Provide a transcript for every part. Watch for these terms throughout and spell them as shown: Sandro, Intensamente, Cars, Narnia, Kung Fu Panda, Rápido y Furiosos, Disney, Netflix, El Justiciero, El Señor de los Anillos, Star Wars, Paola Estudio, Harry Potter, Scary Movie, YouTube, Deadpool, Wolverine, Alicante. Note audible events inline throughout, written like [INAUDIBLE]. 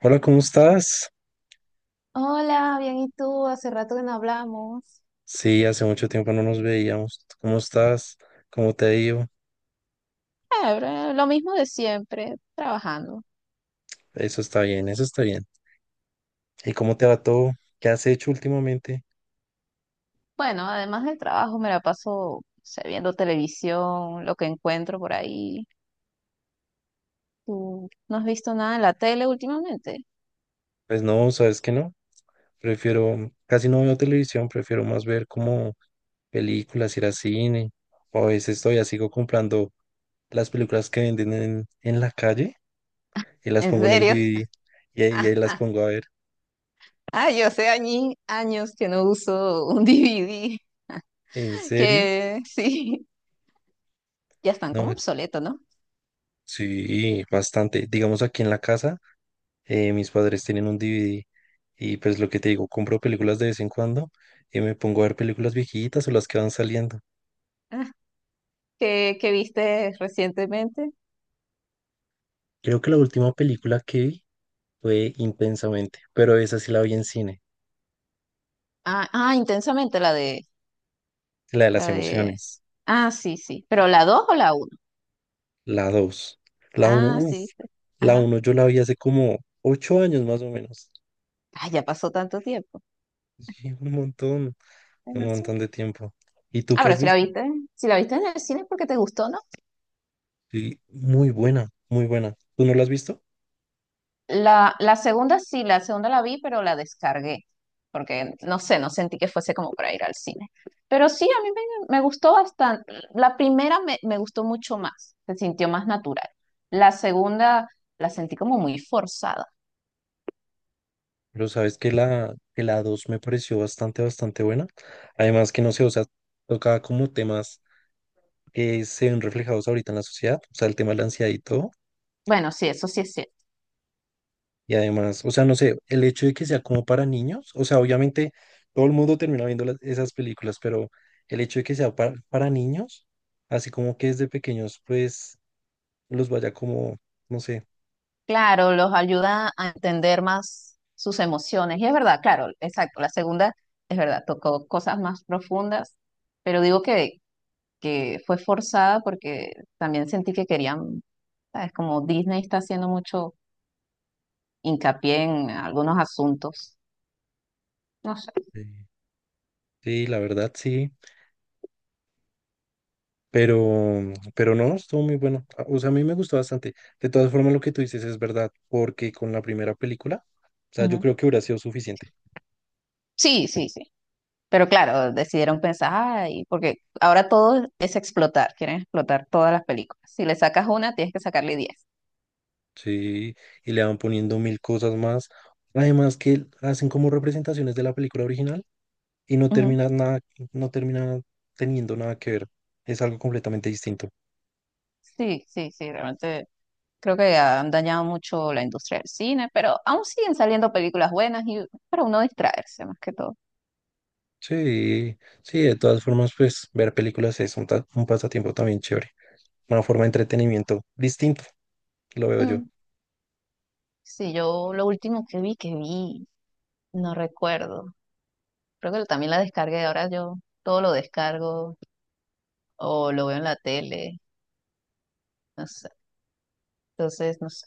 Hola, ¿cómo estás? Hola, bien, ¿y tú? Hace rato que no hablamos. Sí, hace mucho tiempo no nos veíamos. ¿Cómo estás? ¿Cómo te ha ido? Lo mismo de siempre, trabajando. Eso está bien, eso está bien. ¿Y cómo te va todo? ¿Qué has hecho últimamente? Bueno, además del trabajo me la paso, o sea, viendo televisión, lo que encuentro por ahí. ¿Tú no has visto nada en la tele últimamente? Pues no, sabes que no. Prefiero, casi no veo televisión, prefiero más ver como películas, ir al cine. O a veces todavía sigo comprando las películas que venden en la calle y las ¿En pongo en el serio? DVD y ahí las [LAUGHS] pongo a ver. Ah, yo sé años que no uso un [LAUGHS] DVD, ¿En serio? que sí, ya están como No, obsoletos, ¿no? sí, bastante. Digamos aquí en la casa. Mis padres tienen un DVD y pues lo que te digo, compro películas de vez en cuando y me pongo a ver películas viejitas o las que van saliendo. Ah, ¿qué viste recientemente? Creo que la última película que vi fue Intensamente, pero esa sí la vi en cine, Ah, ah, Intensamente, la de la de las la de... emociones, Ah, sí, sí. ¿Pero la 2 o la uno? la dos, la uno Ah, sí, uff, viste. la Ajá. uno yo la vi hace como 8 años más o menos. Ah, ya pasó tanto tiempo. Sí, Ay, un no. montón de tiempo. ¿Y tú Ah, qué pero has si la visto? viste, si la viste en el cine es porque te gustó, ¿no? Sí, muy buena, muy buena. ¿Tú no la has visto? La segunda sí, la segunda la vi, pero la descargué. Porque no sé, no sentí que fuese como para ir al cine. Pero sí, a mí me gustó bastante. La primera me gustó mucho más, se sintió más natural. La segunda la sentí como muy forzada. Pero sabes que la 2 me pareció bastante, bastante buena. Además que no sé, o sea, tocaba como temas que se ven reflejados ahorita en la sociedad, o sea, el tema de la ansiedad y todo. Bueno, sí, eso sí es cierto. Y además, o sea, no sé, el hecho de que sea como para niños, o sea, obviamente todo el mundo termina viendo esas películas, pero el hecho de que sea para niños, así como que desde pequeños, pues los vaya como, no sé. Claro, los ayuda a entender más sus emociones. Y es verdad, claro, exacto. La segunda, es verdad, tocó cosas más profundas, pero digo que, fue forzada porque también sentí que querían, ¿sabes? Como Disney está haciendo mucho hincapié en algunos asuntos. No sé. eh, Sí, la verdad, sí. Pero, pero no, estuvo muy bueno. Ah, o sea, a mí me gustó bastante. De todas formas, lo que tú dices es verdad, porque con la primera película, o sea, yo Ujú. creo que hubiera sido suficiente. Sí, sí, sí. Pero claro, decidieron pensar, ay, porque ahora todo es explotar, quieren explotar todas las películas. Si le sacas una, tienes que sacarle 10. Sí, y le van poniendo mil cosas más. Además que hacen como representaciones de la película original y no Ujú. termina nada, no termina teniendo nada que ver. Es algo completamente distinto. Sí, sí, sí, realmente. Creo que han dañado mucho la industria del cine, pero aún siguen saliendo películas buenas y para uno distraerse más que todo. Sí, sí, de todas formas, pues ver películas es un, un pasatiempo también chévere. Una forma de entretenimiento distinto, lo veo yo. Mm. Sí, yo lo último que vi, no recuerdo. Creo que también la descargué. Ahora yo todo lo descargo o lo veo en la tele. No sé. Entonces, no sé.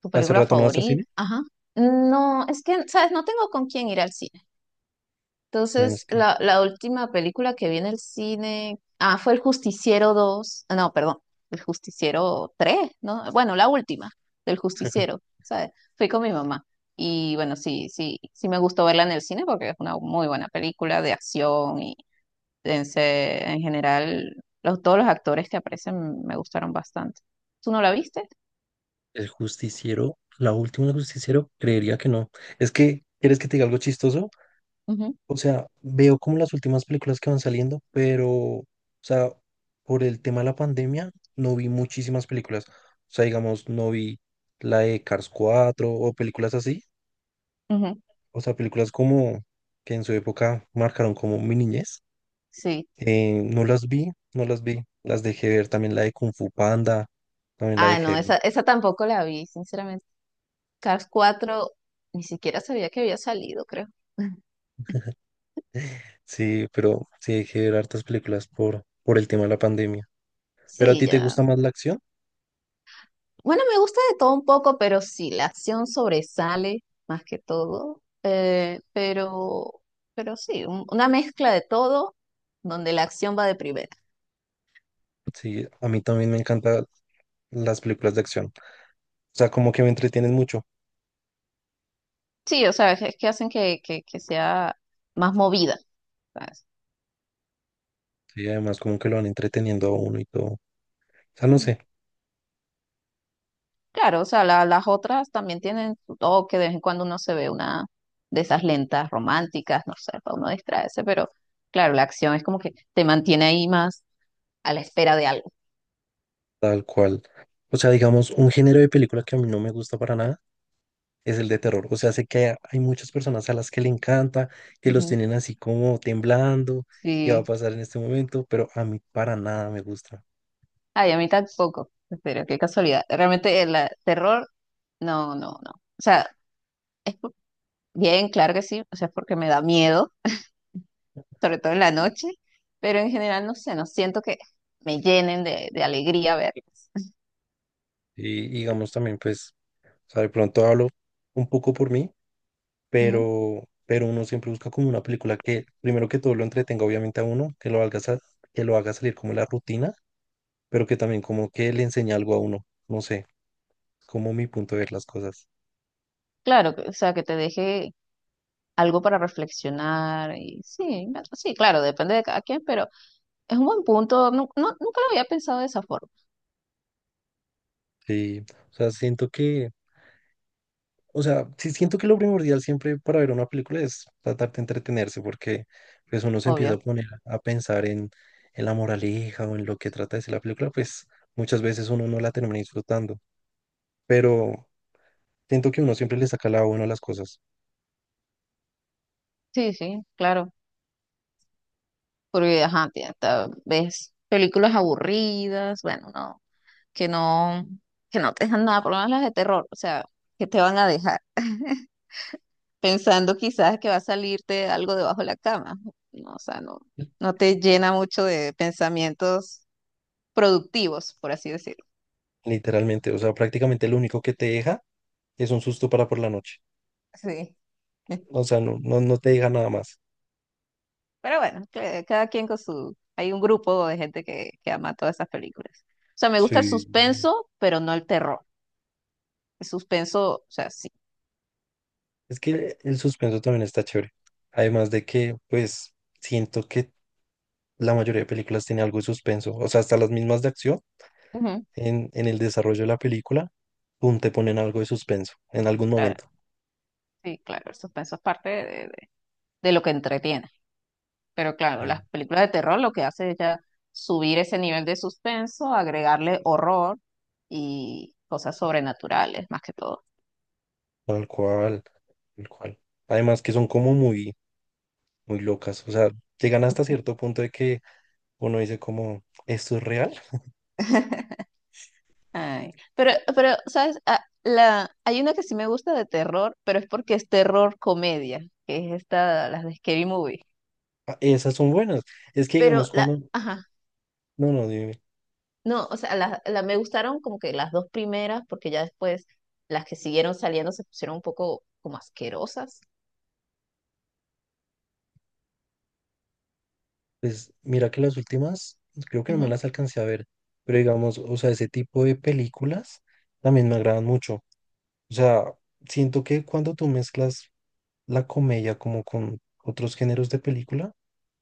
¿Tu ¿Hace película rato no vas a cine? favorita? Ajá. No, es que, ¿sabes? No tengo con quién ir al cine. Menos Entonces, que la última película que vi en el cine, fue El Justiciero 2, ah, no, perdón, El Justiciero 3, ¿no? Bueno, la última del Justiciero, ¿sabes? Fui con mi mamá. Y bueno, sí, sí, sí me gustó verla en el cine porque es una muy buena película de acción y en general todos los actores que aparecen me gustaron bastante. ¿Tú no la viste? el justiciero, la última del justiciero, creería que no. Es que, ¿quieres que te diga algo chistoso? Ujú, O sea, veo como las últimas películas que van saliendo, pero, o sea, por el tema de la pandemia, no vi muchísimas películas. O sea, digamos, no vi la de Cars 4 o películas así. ujú, O sea, películas como que en su época marcaron como mi niñez. sí. No las vi, no las vi. Las dejé ver también la de Kung Fu Panda, también la Ah, no, dejé. esa tampoco la vi, sinceramente. Cars 4 ni siquiera sabía que había salido, creo. [LAUGHS] Sí, pero sí hay que ver hartas películas por el tema de la pandemia. ¿Pero a Sí, ti te ya. gusta más la acción? Bueno, me gusta de todo un poco, pero sí, la acción sobresale más que todo. Pero sí, una mezcla de todo donde la acción va de primera. Sí, a mí también me encantan las películas de acción. O sea, como que me entretienen mucho. Sí, o sea, es que hacen que, que sea más movida. ¿Sabes? Sí, además como que lo van entreteniendo a uno y todo. O sea, no sé, Claro, o sea, las otras también tienen su toque, de vez en cuando uno se ve una de esas lentas románticas, no sé, para uno distraerse, pero claro, la acción es como que te mantiene ahí más a la espera de algo. tal cual. O sea, digamos, un género de película que a mí no me gusta para nada es el de terror. O sea, sé que hay muchas personas a las que le encanta, que los Ujú. tienen así como temblando, qué va a Sí, pasar en este momento, pero a mí para nada me gusta. ay, a mí tampoco, pero qué casualidad. Realmente el terror, no, no, no. O sea, es bien, claro que sí, o sea, es porque me da miedo, sobre todo en la noche, pero en general, no sé, no siento que me llenen de alegría verlo. Y digamos también, pues... O sea, de pronto hablo un poco por mí, Ujú. Pero uno siempre busca como una película que, primero que todo, lo entretenga obviamente a uno, que lo haga, que lo haga salir como de la rutina, pero que también como que le enseñe algo a uno. No sé, como mi punto de ver las cosas. Claro, o sea, que te deje algo para reflexionar y sí, sí, claro, depende de cada quien, pero es un buen punto, no, nunca lo había pensado de esa forma, Sí, o sea, siento que, o sea, sí siento que lo primordial siempre para ver una película es tratar de entretenerse, porque pues uno se empieza obvio. a poner a pensar en la moraleja o en lo que trata de ser la película, pues muchas veces uno no la termina disfrutando. Pero, siento que uno siempre le saca la buena a las cosas, Sí, sí, claro, porque ajá, tía, ves películas aburridas, bueno, no, que no, que no te dejan nada, por lo menos las de terror, o sea, que te van a dejar [LAUGHS] pensando quizás que va a salirte algo debajo de la cama, no, o sea, no, no te llena mucho de pensamientos productivos, por así decirlo. literalmente. O sea, prácticamente lo único que te deja es un susto para por la noche. Sí. [LAUGHS] O sea, no, no, no te deja nada más. Pero bueno, cada quien con su... Hay un grupo de gente que ama todas esas películas. O sea, me gusta el Sí. suspenso, pero no el terror. El suspenso, o sea, sí. Es que el suspenso también está chévere. Además de que, pues, siento que la mayoría de películas tiene algo de suspenso. O sea, hasta las mismas de acción, Ujú, en el desarrollo de la película, pum, te ponen algo de suspenso en algún claro, momento. sí, claro, el suspenso es parte de lo que entretiene. Pero claro, Sí. las películas de terror lo que hace es ya subir ese nivel de suspenso, agregarle horror y cosas sobrenaturales, más que todo. Tal cual, tal cual. Además que son como muy, muy locas. O sea, llegan hasta cierto punto de que uno dice como, ¿esto es real? [LAUGHS] Ay, ¿sabes? Ah, hay una que sí me gusta de terror, pero es porque es terror comedia, que es esta, las de Scary Movie. Ah, esas son buenas. Es que Pero digamos la, cuando, ajá, no, no, dime, no, o sea, me gustaron como que las dos primeras, porque ya después las que siguieron saliendo se pusieron un poco como asquerosas. pues mira que las últimas, creo que no me Ujú. las alcancé a ver, pero digamos, o sea, ese tipo de películas también me agradan mucho. O sea, siento que cuando tú mezclas la comedia como con otros géneros de película,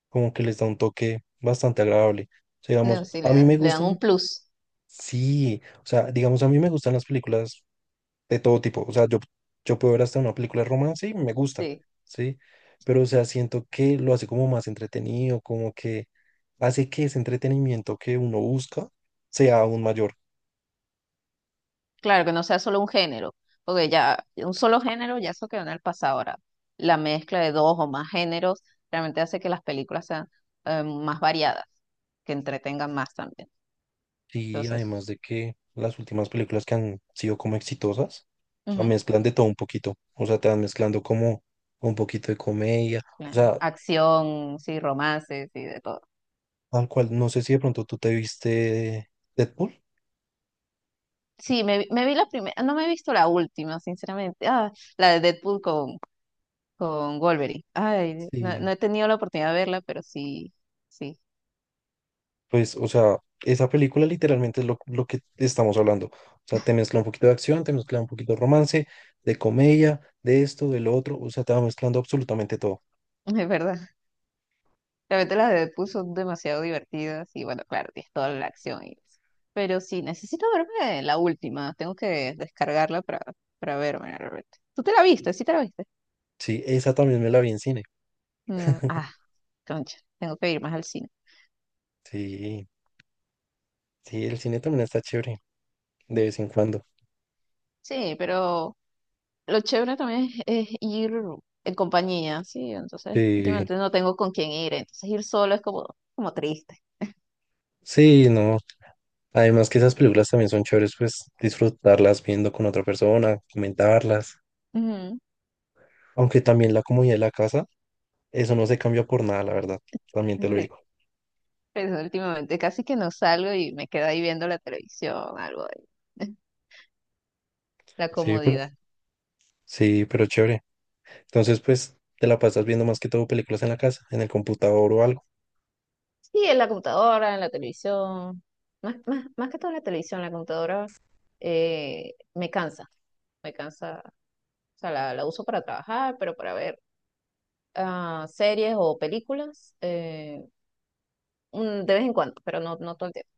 como que les da un toque bastante agradable. O sea, No, digamos, sí, a le mí me dan, le dan un gustan, plus. sí, o sea, digamos, a mí me gustan las películas de todo tipo. O sea, yo puedo ver hasta una película de romance y me gusta, Sí. ¿sí? Pero, o sea, siento que lo hace como más entretenido, como que hace que ese entretenimiento que uno busca sea aún mayor. Claro, que no sea solo un género, porque ya un solo género ya eso quedó en el pasado ahora. La mezcla de dos o más géneros realmente hace que las películas sean más variadas, que entretengan más también. Y Entonces, además de que las últimas películas que han sido como exitosas, o sea, ujú, mezclan de todo un poquito. O sea, te van mezclando como un poquito de comedia. O sea, acción, sí, romances y de todo. tal cual, no sé si de pronto tú te viste Deadpool. Sí, me vi la primera, no me he visto la última, sinceramente. Ah, la de Deadpool con Wolverine. Ay, no, Sí. no he tenido la oportunidad de verla, pero sí, sí, Pues, o sea, esa película literalmente es lo que estamos hablando. O sea, te mezcla un poquito de acción, te mezcla un poquito de romance, de comedia, de esto, de lo otro. O sea, te va mezclando absolutamente todo. [LAUGHS] es verdad. Realmente las de Deadpool son demasiado divertidas y bueno, claro, es toda la acción y eso. Pero sí, necesito verme la última, tengo que descargarla para verme realmente. ¿Tú te la viste? ¿Sí te la viste? Sí, esa también me la vi en cine. Mm, [LAUGHS] ah, concha, tengo que ir más al cine. Sí, sí, el cine también está chévere de vez en cuando. Sí, pero lo chévere también es ir en compañía, sí, entonces Sí, últimamente no tengo con quién ir, entonces ir solo es como triste. sí, no. Además que esas películas también son chéveres, pues disfrutarlas viendo con otra persona, comentarlas. Ujú. Aunque también la comodidad de la casa, eso no se cambia por nada, la verdad. También te lo Sí, digo. pero últimamente casi que no salgo y me quedo ahí viendo la televisión, algo de [LAUGHS] la Sí, pero, comodidad. sí, pero chévere. Entonces, pues te la pasas viendo más que todo películas en la casa, en el computador o algo. Sí, en la computadora, en la televisión, más que todo en la televisión, la computadora me cansa, o sea, la uso para trabajar, pero para ver series o películas, de vez en cuando, pero no, no todo el tiempo.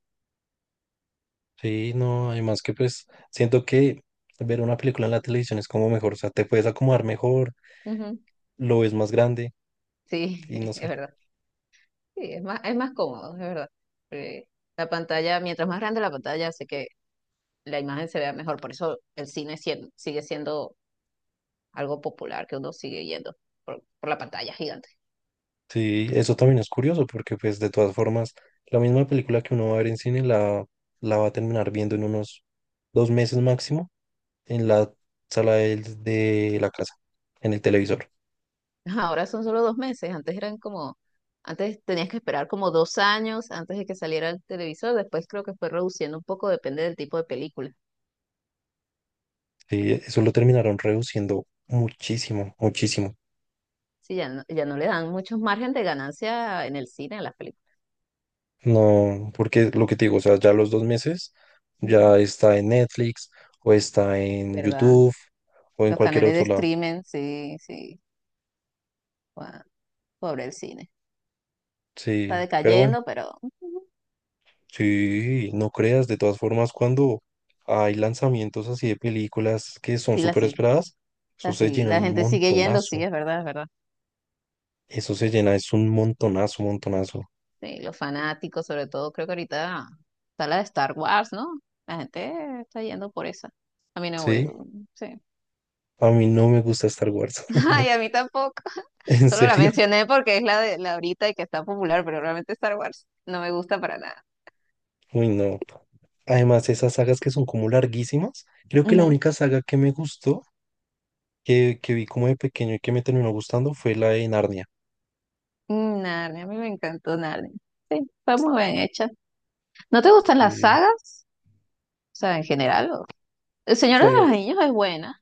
Sí, no, además que pues siento que ver una película en la televisión es como mejor, o sea, te puedes acomodar mejor, Ujú. lo ves más grande Sí, y [LAUGHS] no es sé. verdad, sí, es más cómodo, es verdad. Eh, la pantalla, mientras más grande la pantalla, hace que la imagen se vea mejor, por eso el cine sigue siendo algo popular que uno sigue yendo por la pantalla gigante. Sí, eso también es curioso porque pues de todas formas, la misma película que uno va a ver en cine la va a terminar viendo en unos 2 meses máximo en la sala de la casa, en el televisor. Ahora son solo 2 meses, antes eran como, antes tenías que esperar como 2 años antes de que saliera el televisor, después creo que fue reduciendo un poco, depende del tipo de película. Sí, eso lo terminaron reduciendo muchísimo, muchísimo. Sí, ya no le dan muchos margen de ganancia en el cine a las películas. No, porque lo que te digo, o sea, ya los 2 meses Ujú. ya está en Netflix o está en ¿Verdad? YouTube o en Los cualquier canales de otro lado. streaming, sí, sí, guau, pobre el cine. Está Sí, pero bueno, decayendo, pero sí, no creas, de todas formas, cuando hay lanzamientos así de películas que son sí, súper esperadas, eso se llena la un gente sigue yendo, montonazo. sí, es verdad, es verdad. Eso se llena, es un montonazo, montonazo. Sí, los fanáticos, sobre todo, creo que ahorita está la de Star Wars, ¿no? La gente está yendo por esa. A mí no voy, Sí, sí. a mí no me gusta Star Wars. [LAUGHS] [LAUGHS] Ay, a mí tampoco. [LAUGHS] ¿En Solo la serio? mencioné porque es la de la ahorita y que está popular, pero realmente Star Wars no me gusta para nada. Uy, no. Además, esas sagas que son como larguísimas, creo que la Ujú. única saga que me gustó que vi como de pequeño y que me terminó gustando fue la de Narnia. Mm, Narnia, a mí me encantó Narnia. Sí, está muy bien hecha. ¿No te gustan las Eh, sagas? O sea, en general. El Señor de los fue, Anillos es buena.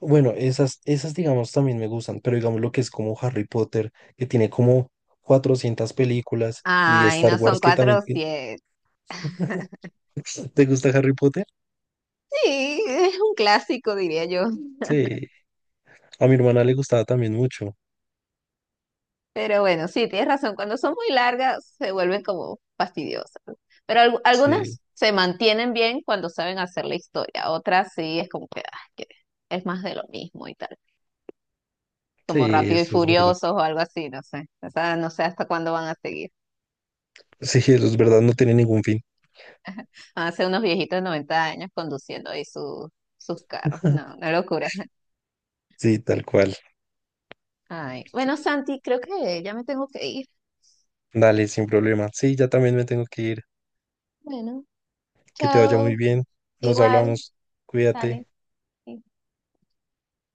bueno, esas, esas digamos también me gustan, pero digamos lo que es como Harry Potter, que tiene como 400 películas, y Ay, Star no son Wars que cuatro también... o tiene- siete. [LAUGHS] ¿Te gusta Harry Potter? Sí, es un clásico, diría yo. Sí. A mi hermana le gustaba también mucho. Pero bueno, sí, tienes razón. Cuando son muy largas se vuelven como fastidiosas, ¿no? Pero Sí, algunas se mantienen bien cuando saben hacer la historia. Otras sí es como que, ah, que es más de lo mismo y tal. sí, Como Rápido y eso es verdad. Furiosos [LAUGHS] o algo así, no sé. O sea, no sé hasta cuándo van a seguir. Sí, eso es verdad, no tiene ningún fin. Van a ser unos viejitos de 90 años conduciendo ahí sus carros. No, [LAUGHS] una locura. Sí, tal cual. Ay. Bueno, Santi, creo que ya me tengo que ir. Dale, sin problema. Sí, ya también me tengo que ir. Bueno, Que te vaya muy chao. bien. Nos Igual, hablamos. dale. Cuídate. Sí.